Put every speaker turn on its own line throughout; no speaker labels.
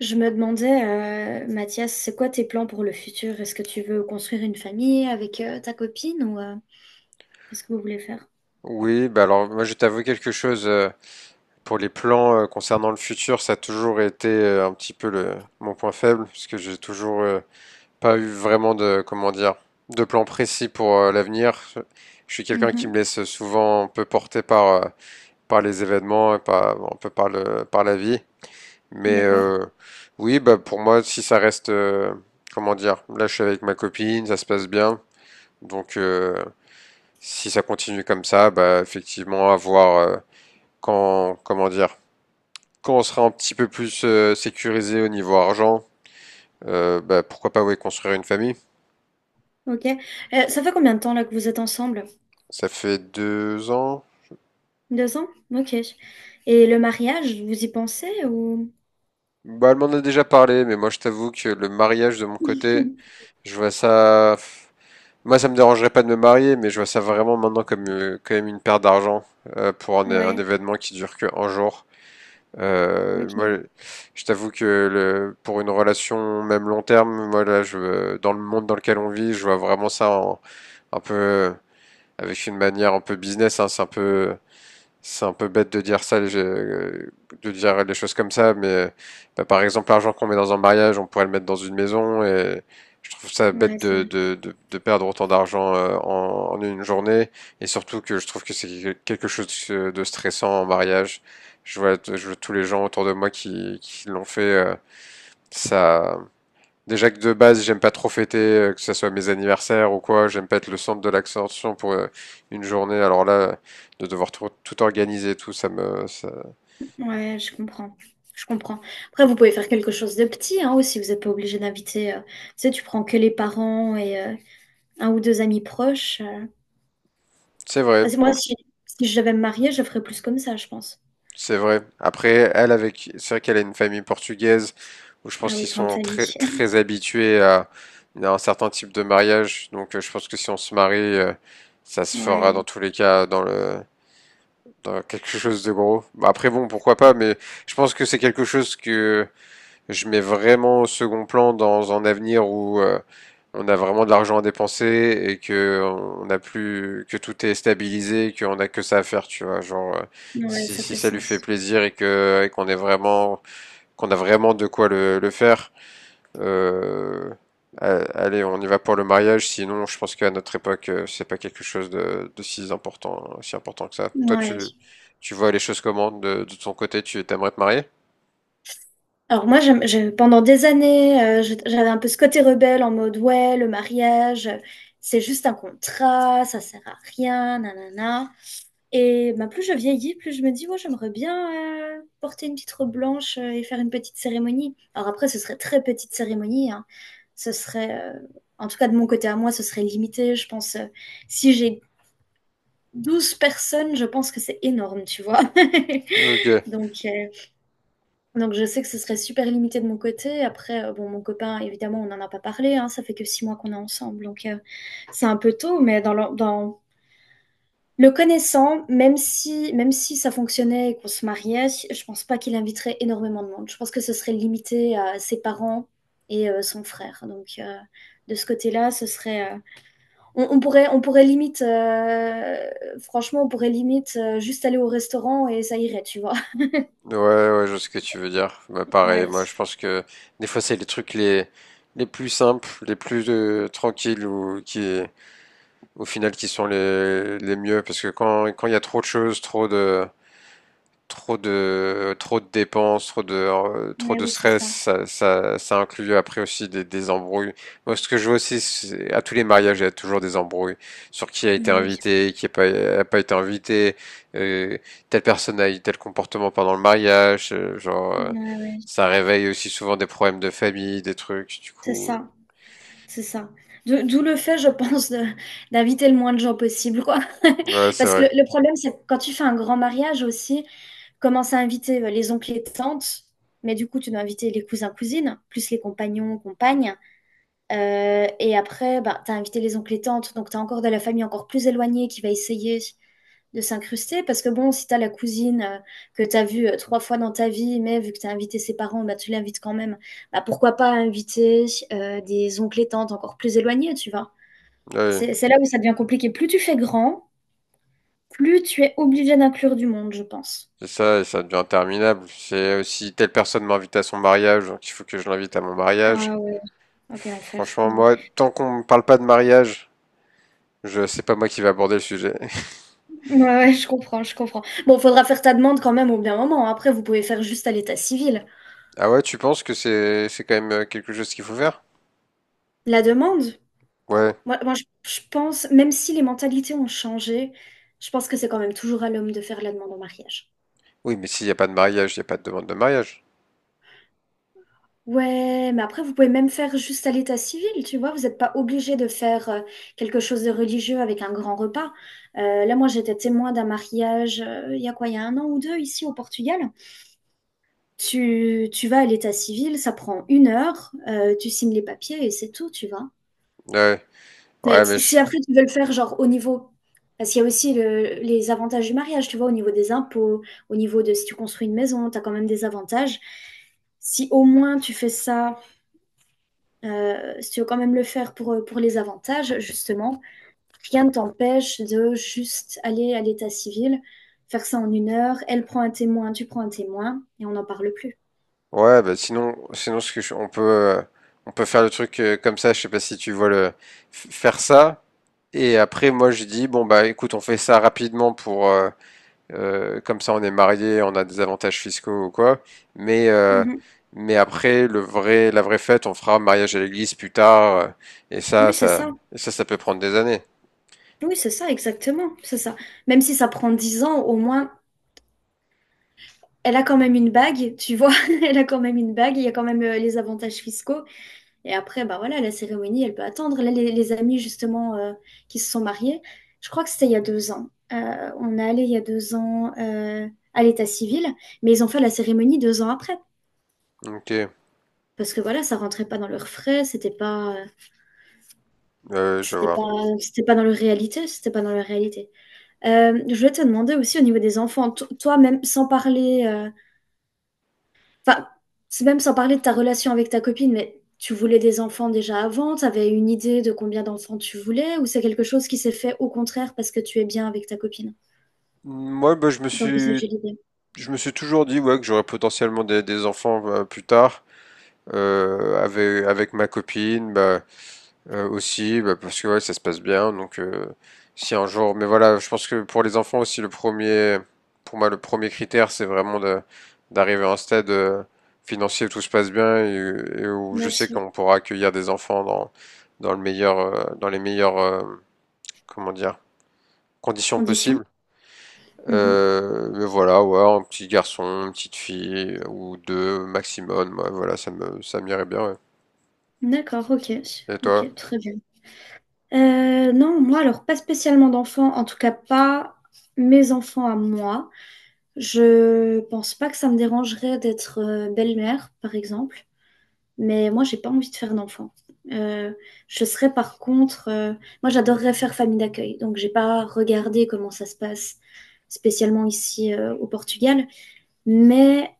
Je me demandais, Mathias, c'est quoi tes plans pour le futur? Est-ce que tu veux construire une famille avec ta copine ou qu'est-ce que vous voulez faire?
Oui, bah alors moi je t'avoue quelque chose pour les plans concernant le futur, ça a toujours été un petit peu le mon point faible parce que j'ai toujours pas eu vraiment de comment dire de plan précis pour l'avenir. Je suis quelqu'un qui me
Mhm.
laisse souvent un peu porter par les événements et par bon, un peu par le par la vie. Mais
D'accord.
euh, oui, bah pour moi si ça reste comment dire, là je suis avec ma copine, ça se passe bien. Donc euh, Si ça continue comme ça, bah effectivement avoir quand, comment dire, quand on sera un petit peu plus sécurisé au niveau argent, bah, pourquoi pas ouais, construire une famille?
Ok. Ça fait combien de temps là que vous êtes ensemble?
Ça fait 2 ans.
Deux ans? Ok. Et le mariage, vous y pensez ou?
Bah, elle m'en a déjà parlé, mais moi je t'avoue que le mariage de mon côté, je vois ça. Moi, ça me dérangerait pas de me marier, mais je vois ça vraiment maintenant comme quand même une perte d'argent pour un
Ouais.
événement qui dure que un jour. Moi,
Ok.
je t'avoue que pour une relation même long terme, moi là, je, dans le monde dans lequel on vit, je vois vraiment ça un peu avec une manière un peu business. Hein, c'est un peu, bête de dire ça, de dire les choses comme ça. Mais bah, par exemple, l'argent qu'on met dans un mariage, on pourrait le mettre dans une maison. Et je trouve ça
Ouais,
bête
ça va.
de perdre autant d'argent en une journée. Et surtout que je trouve que c'est quelque chose de stressant en mariage. Je vois tous les gens autour de moi qui l'ont fait. Ça, Déjà que de base, j'aime pas trop fêter, que ce soit mes anniversaires ou quoi, j'aime pas être le centre de l'attention pour une journée. Alors là, de devoir tout organiser, et tout,
Ouais, je comprends. Je comprends. Après, vous pouvez faire quelque chose de petit, hein, aussi. Vous n'êtes pas obligé d'inviter. Tu sais, tu prends que les parents et un ou deux amis proches.
c'est vrai,
Parce que moi,
on-
si je devais me marier, je ferais plus comme ça, je pense.
c'est vrai. Après, elle avec, c'est vrai qu'elle a une famille portugaise où je
Ah
pense
oui,
qu'ils
grande
sont
famille.
très, très habitués à un certain type de mariage. Donc, je pense que si on se marie, ça se fera dans
Ouais,
tous les cas dans quelque chose de gros. Bah, après, bon, pourquoi pas, mais je pense que c'est quelque chose que je mets vraiment au second plan dans un avenir où on a vraiment de l'argent à dépenser et que on n'a plus que tout est stabilisé, qu'on a que ça à faire, tu vois.
ouais,
Si,
ça
si
fait
ça lui fait
sens.
plaisir et que et qu'on a vraiment de quoi le faire, euh, allez, on y va pour le mariage. Sinon, je pense qu'à notre époque, c'est pas quelque chose de si important, si important que ça. Toi,
Ouais.
tu vois les choses comment de ton côté? Tu t'aimerais te marier?
Alors moi, pendant des années, j'avais un peu ce côté rebelle en mode, ouais, le mariage, c'est juste un contrat, ça sert à rien, nanana. Et bah, plus je vieillis, plus je me dis, ouais, j'aimerais bien porter une petite robe blanche et faire une petite cérémonie. Alors après, ce serait très petite cérémonie, hein. Ce serait, en tout cas de mon côté à moi, ce serait limité. Je pense, si j'ai 12 personnes, je pense que c'est énorme, tu vois.
Ok.
Donc, donc je sais que ce serait super limité de mon côté. Après, bon, mon copain, évidemment, on n'en a pas parlé, hein, ça fait que 6 mois qu'on est ensemble, donc c'est un peu tôt, mais dans le connaissant, même si ça fonctionnait et qu'on se mariait, je pense pas qu'il inviterait énormément de monde. Je pense que ce serait limité à ses parents et son frère. Donc, de ce côté-là, ce serait, on pourrait, on pourrait limite, franchement, on pourrait limite, juste aller au restaurant et ça irait, tu vois?
Ouais, ouais, je vois ce que tu veux dire. Bah, pareil, moi je
Ouais,
pense que des fois c'est les trucs les plus simples, les plus tranquilles ou qui au final qui sont les mieux parce que quand il y a trop de choses, trop de dépenses, trop de euh, trop
mais
de
oui, c'est
stress,
ça,
ça inclut après aussi des embrouilles. Moi, ce que je vois aussi, à tous les mariages, il y a toujours des embrouilles sur qui a été
mais oui,
invité, qui n'a pas été invité, euh, telle personne a eu tel comportement pendant le mariage,
ouais, ouais,
ça réveille aussi souvent des problèmes de famille, des trucs. Du
c'est
coup,
ça, c'est ça. D'où le fait, je pense, de d'inviter le moins de gens possible, quoi.
ouais, c'est
Parce que le
vrai.
le problème, c'est que quand tu fais un grand mariage aussi, commence à inviter, les oncles et tantes, mais du coup, tu dois inviter les cousins-cousines, plus les compagnons, compagnes. Et après, bah, t'as invité les oncles et tantes, donc t'as encore de la famille encore plus éloignée qui va essayer de s'incruster. Parce que bon, si t'as la cousine que t'as vue trois fois dans ta vie, mais vu que t'as invité ses parents, bah, tu l'invites quand même. Bah, pourquoi pas inviter des oncles et tantes encore plus éloignés, tu vois?
Oui,
C'est là où ça devient compliqué. Plus tu fais grand, plus tu es obligé d'inclure du monde, je pense.
c'est ça, et ça devient interminable. C'est aussi telle personne m'invite à son mariage, donc il faut que je l'invite à mon mariage.
Ah ouais, ok, quel enfer,
Franchement,
non.
moi, tant qu'on me parle pas de mariage, je c'est pas moi qui vais aborder le sujet.
Ouais, ouais, je comprends, je comprends. Bon, faudra faire ta demande quand même au bien moment. Après, vous pouvez faire juste à l'état civil.
Ah ouais, tu penses que c'est quand même quelque chose qu'il faut faire?
La demande?
Ouais.
Moi, je pense, même si les mentalités ont changé, je pense que c'est quand même toujours à l'homme de faire la demande en mariage.
Oui, mais s'il n'y a pas de mariage, il n'y a pas de demande de mariage.
Ouais, mais après, vous pouvez même faire juste à l'état civil, tu vois. Vous n'êtes pas obligé de faire quelque chose de religieux avec un grand repas. Là, moi, j'étais témoin d'un mariage, il y a quoi, il y a un an ou deux, ici au Portugal. Tu vas à l'état civil, ça prend une heure, tu signes les papiers et c'est tout, tu vois.
Ouais.
Mais
Ouais, mais
si
je-
après tu veux le faire genre au niveau parce qu'il y a aussi les avantages du mariage, tu vois, au niveau des impôts, au niveau de si tu construis une maison, tu as quand même des avantages. Si au moins tu fais ça, si tu veux quand même le faire pour, pour les avantages, justement, rien ne t'empêche de juste aller à l'état civil, faire ça en une heure, elle prend un témoin, tu prends un témoin, et on n'en parle plus.
ouais, bah sinon on peut faire le truc comme ça, je sais pas si tu vois faire ça et après moi je dis bon bah écoute, on fait ça rapidement pour comme ça, on est marié, on a des avantages fiscaux ou quoi. Mais, euh,
Mhm.
mais après, la vraie fête, on fera mariage à l'église plus tard. Et ça,
Oui, c'est
ça,
ça.
et ça, ça peut prendre des années.
Oui, c'est ça, exactement. C'est ça. Même si ça prend 10 ans, au moins, elle a quand même une bague, tu vois, elle a quand même une bague, il y a quand même les avantages fiscaux. Et après, bah voilà, la cérémonie, elle peut attendre. Là, les amis, justement, qui se sont mariés, je crois que c'était il y a 2 ans. On est allé il y a 2 ans à l'état civil, mais ils ont fait la cérémonie 2 ans après.
Ok,
Parce que voilà, ça rentrait pas dans leurs frais,
je
c'était pas,
vois.
c'était pas dans leur réalité, c'était pas dans leur réalité. Je voulais te demander aussi au niveau des enfants, toi, même sans parler, enfin c'est même sans parler de ta relation avec ta copine, mais tu voulais des enfants déjà avant, tu avais une idée de combien d'enfants tu voulais, ou c'est quelque chose qui s'est fait au contraire parce que tu es bien avec ta copine,
Moi, bah, je me suis,
d'envisager l'idée?
je me suis toujours dit ouais, que j'aurais potentiellement des enfants plus tard. Avec ma copine, bah, aussi, bah, parce que ouais, ça se passe bien. Donc, si un jour, mais voilà, je pense que pour les enfants aussi, pour moi, le premier critère, c'est vraiment d'arriver à un stade financier où tout se passe bien et où je
Bien
sais
sûr.
qu'on pourra accueillir des enfants dans, dans les meilleures, comment dire, conditions
Condition?
possibles.
Mmh.
Mais voilà, ouais, un petit garçon, une petite fille ou deux maximum. Ouais, voilà, ça m'irait bien.
D'accord, OK.
Ouais. Et toi?
OK, très bien. Non, moi, alors pas spécialement d'enfants, en tout cas pas mes enfants à moi. Je pense pas que ça me dérangerait d'être, belle-mère, par exemple. Mais moi, j'ai pas envie de faire d'enfant. Euh, je serais par contre, moi, j'adorerais faire famille d'accueil. Donc, j'ai pas regardé comment ça se passe spécialement ici au Portugal. Mais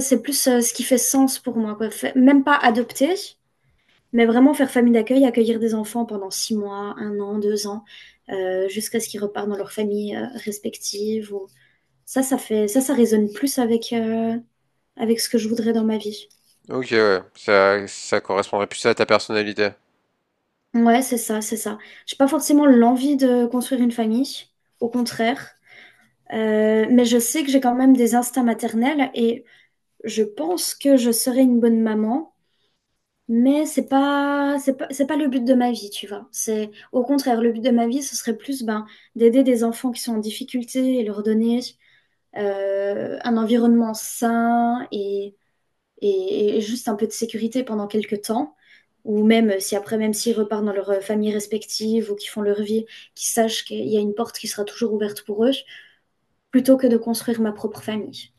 c'est plus ce qui fait sens pour moi, quoi. Même pas adopter, mais vraiment faire famille d'accueil, accueillir des enfants pendant 6 mois, un an, 2 ans, jusqu'à ce qu'ils repartent dans leur famille respective. Ça résonne plus avec ce que je voudrais dans ma vie.
Ok, ouais, ça correspondrait plus à ta personnalité.
Ouais, c'est ça, c'est ça. J'ai pas forcément l'envie de construire une famille, au contraire. Mais je sais que j'ai quand même des instincts maternels et je pense que je serai une bonne maman. Mais c'est pas le but de ma vie, tu vois. C'est au contraire, le but de ma vie, ce serait plus ben, d'aider des enfants qui sont en difficulté et leur donner un environnement sain et juste un peu de sécurité pendant quelques temps. Ou même si après, même s'ils repartent dans leurs familles respectives ou qu'ils font leur vie, qu'ils sachent qu'il y a une porte qui sera toujours ouverte pour eux, plutôt que de construire ma propre famille.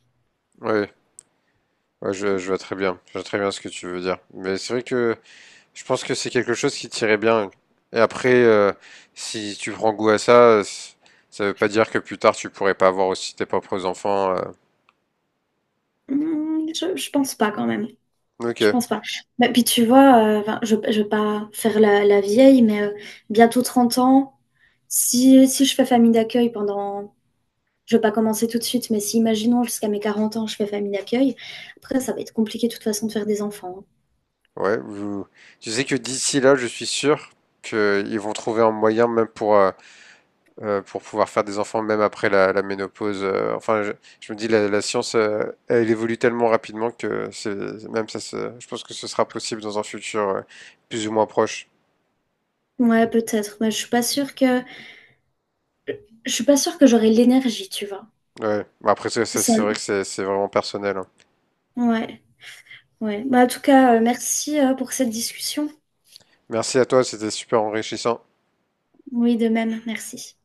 Ouais, ouais, je vois très bien. Je vois très bien ce que tu veux dire. Mais c'est vrai que je pense que c'est quelque chose qui t'irait bien. Et après, si tu prends goût à ça, ça veut pas dire que plus tard tu pourrais pas avoir aussi tes propres enfants.
Hmm, je pense pas quand même.
Ok,
Je pense pas. Bah, puis tu vois, enfin, je vais pas faire la vieille, mais bientôt 30 ans, si je fais famille d'accueil pendant. Je ne vais pas commencer tout de suite, mais si imaginons jusqu'à mes 40 ans, je fais famille d'accueil, après ça va être compliqué de toute façon de faire des enfants.
ouais. Tu sais que d'ici là, je suis sûr qu'ils vont trouver un moyen, même pour pouvoir faire des enfants même après la ménopause. Enfin, je me dis la science, elle évolue tellement rapidement que c'est même ça, se- je pense que ce sera possible dans un futur plus ou moins proche.
Ouais, peut-être. Mais je suis pas sûre que je suis pas sûre que j'aurai l'énergie, tu vois.
Ouais. Après,
Ça
c'est vrai
me-
que c'est vraiment personnel. Hein.
Ouais, ouais. Bah, en tout cas, merci pour cette discussion.
Merci à toi, c'était super enrichissant.
Oui, de même, merci.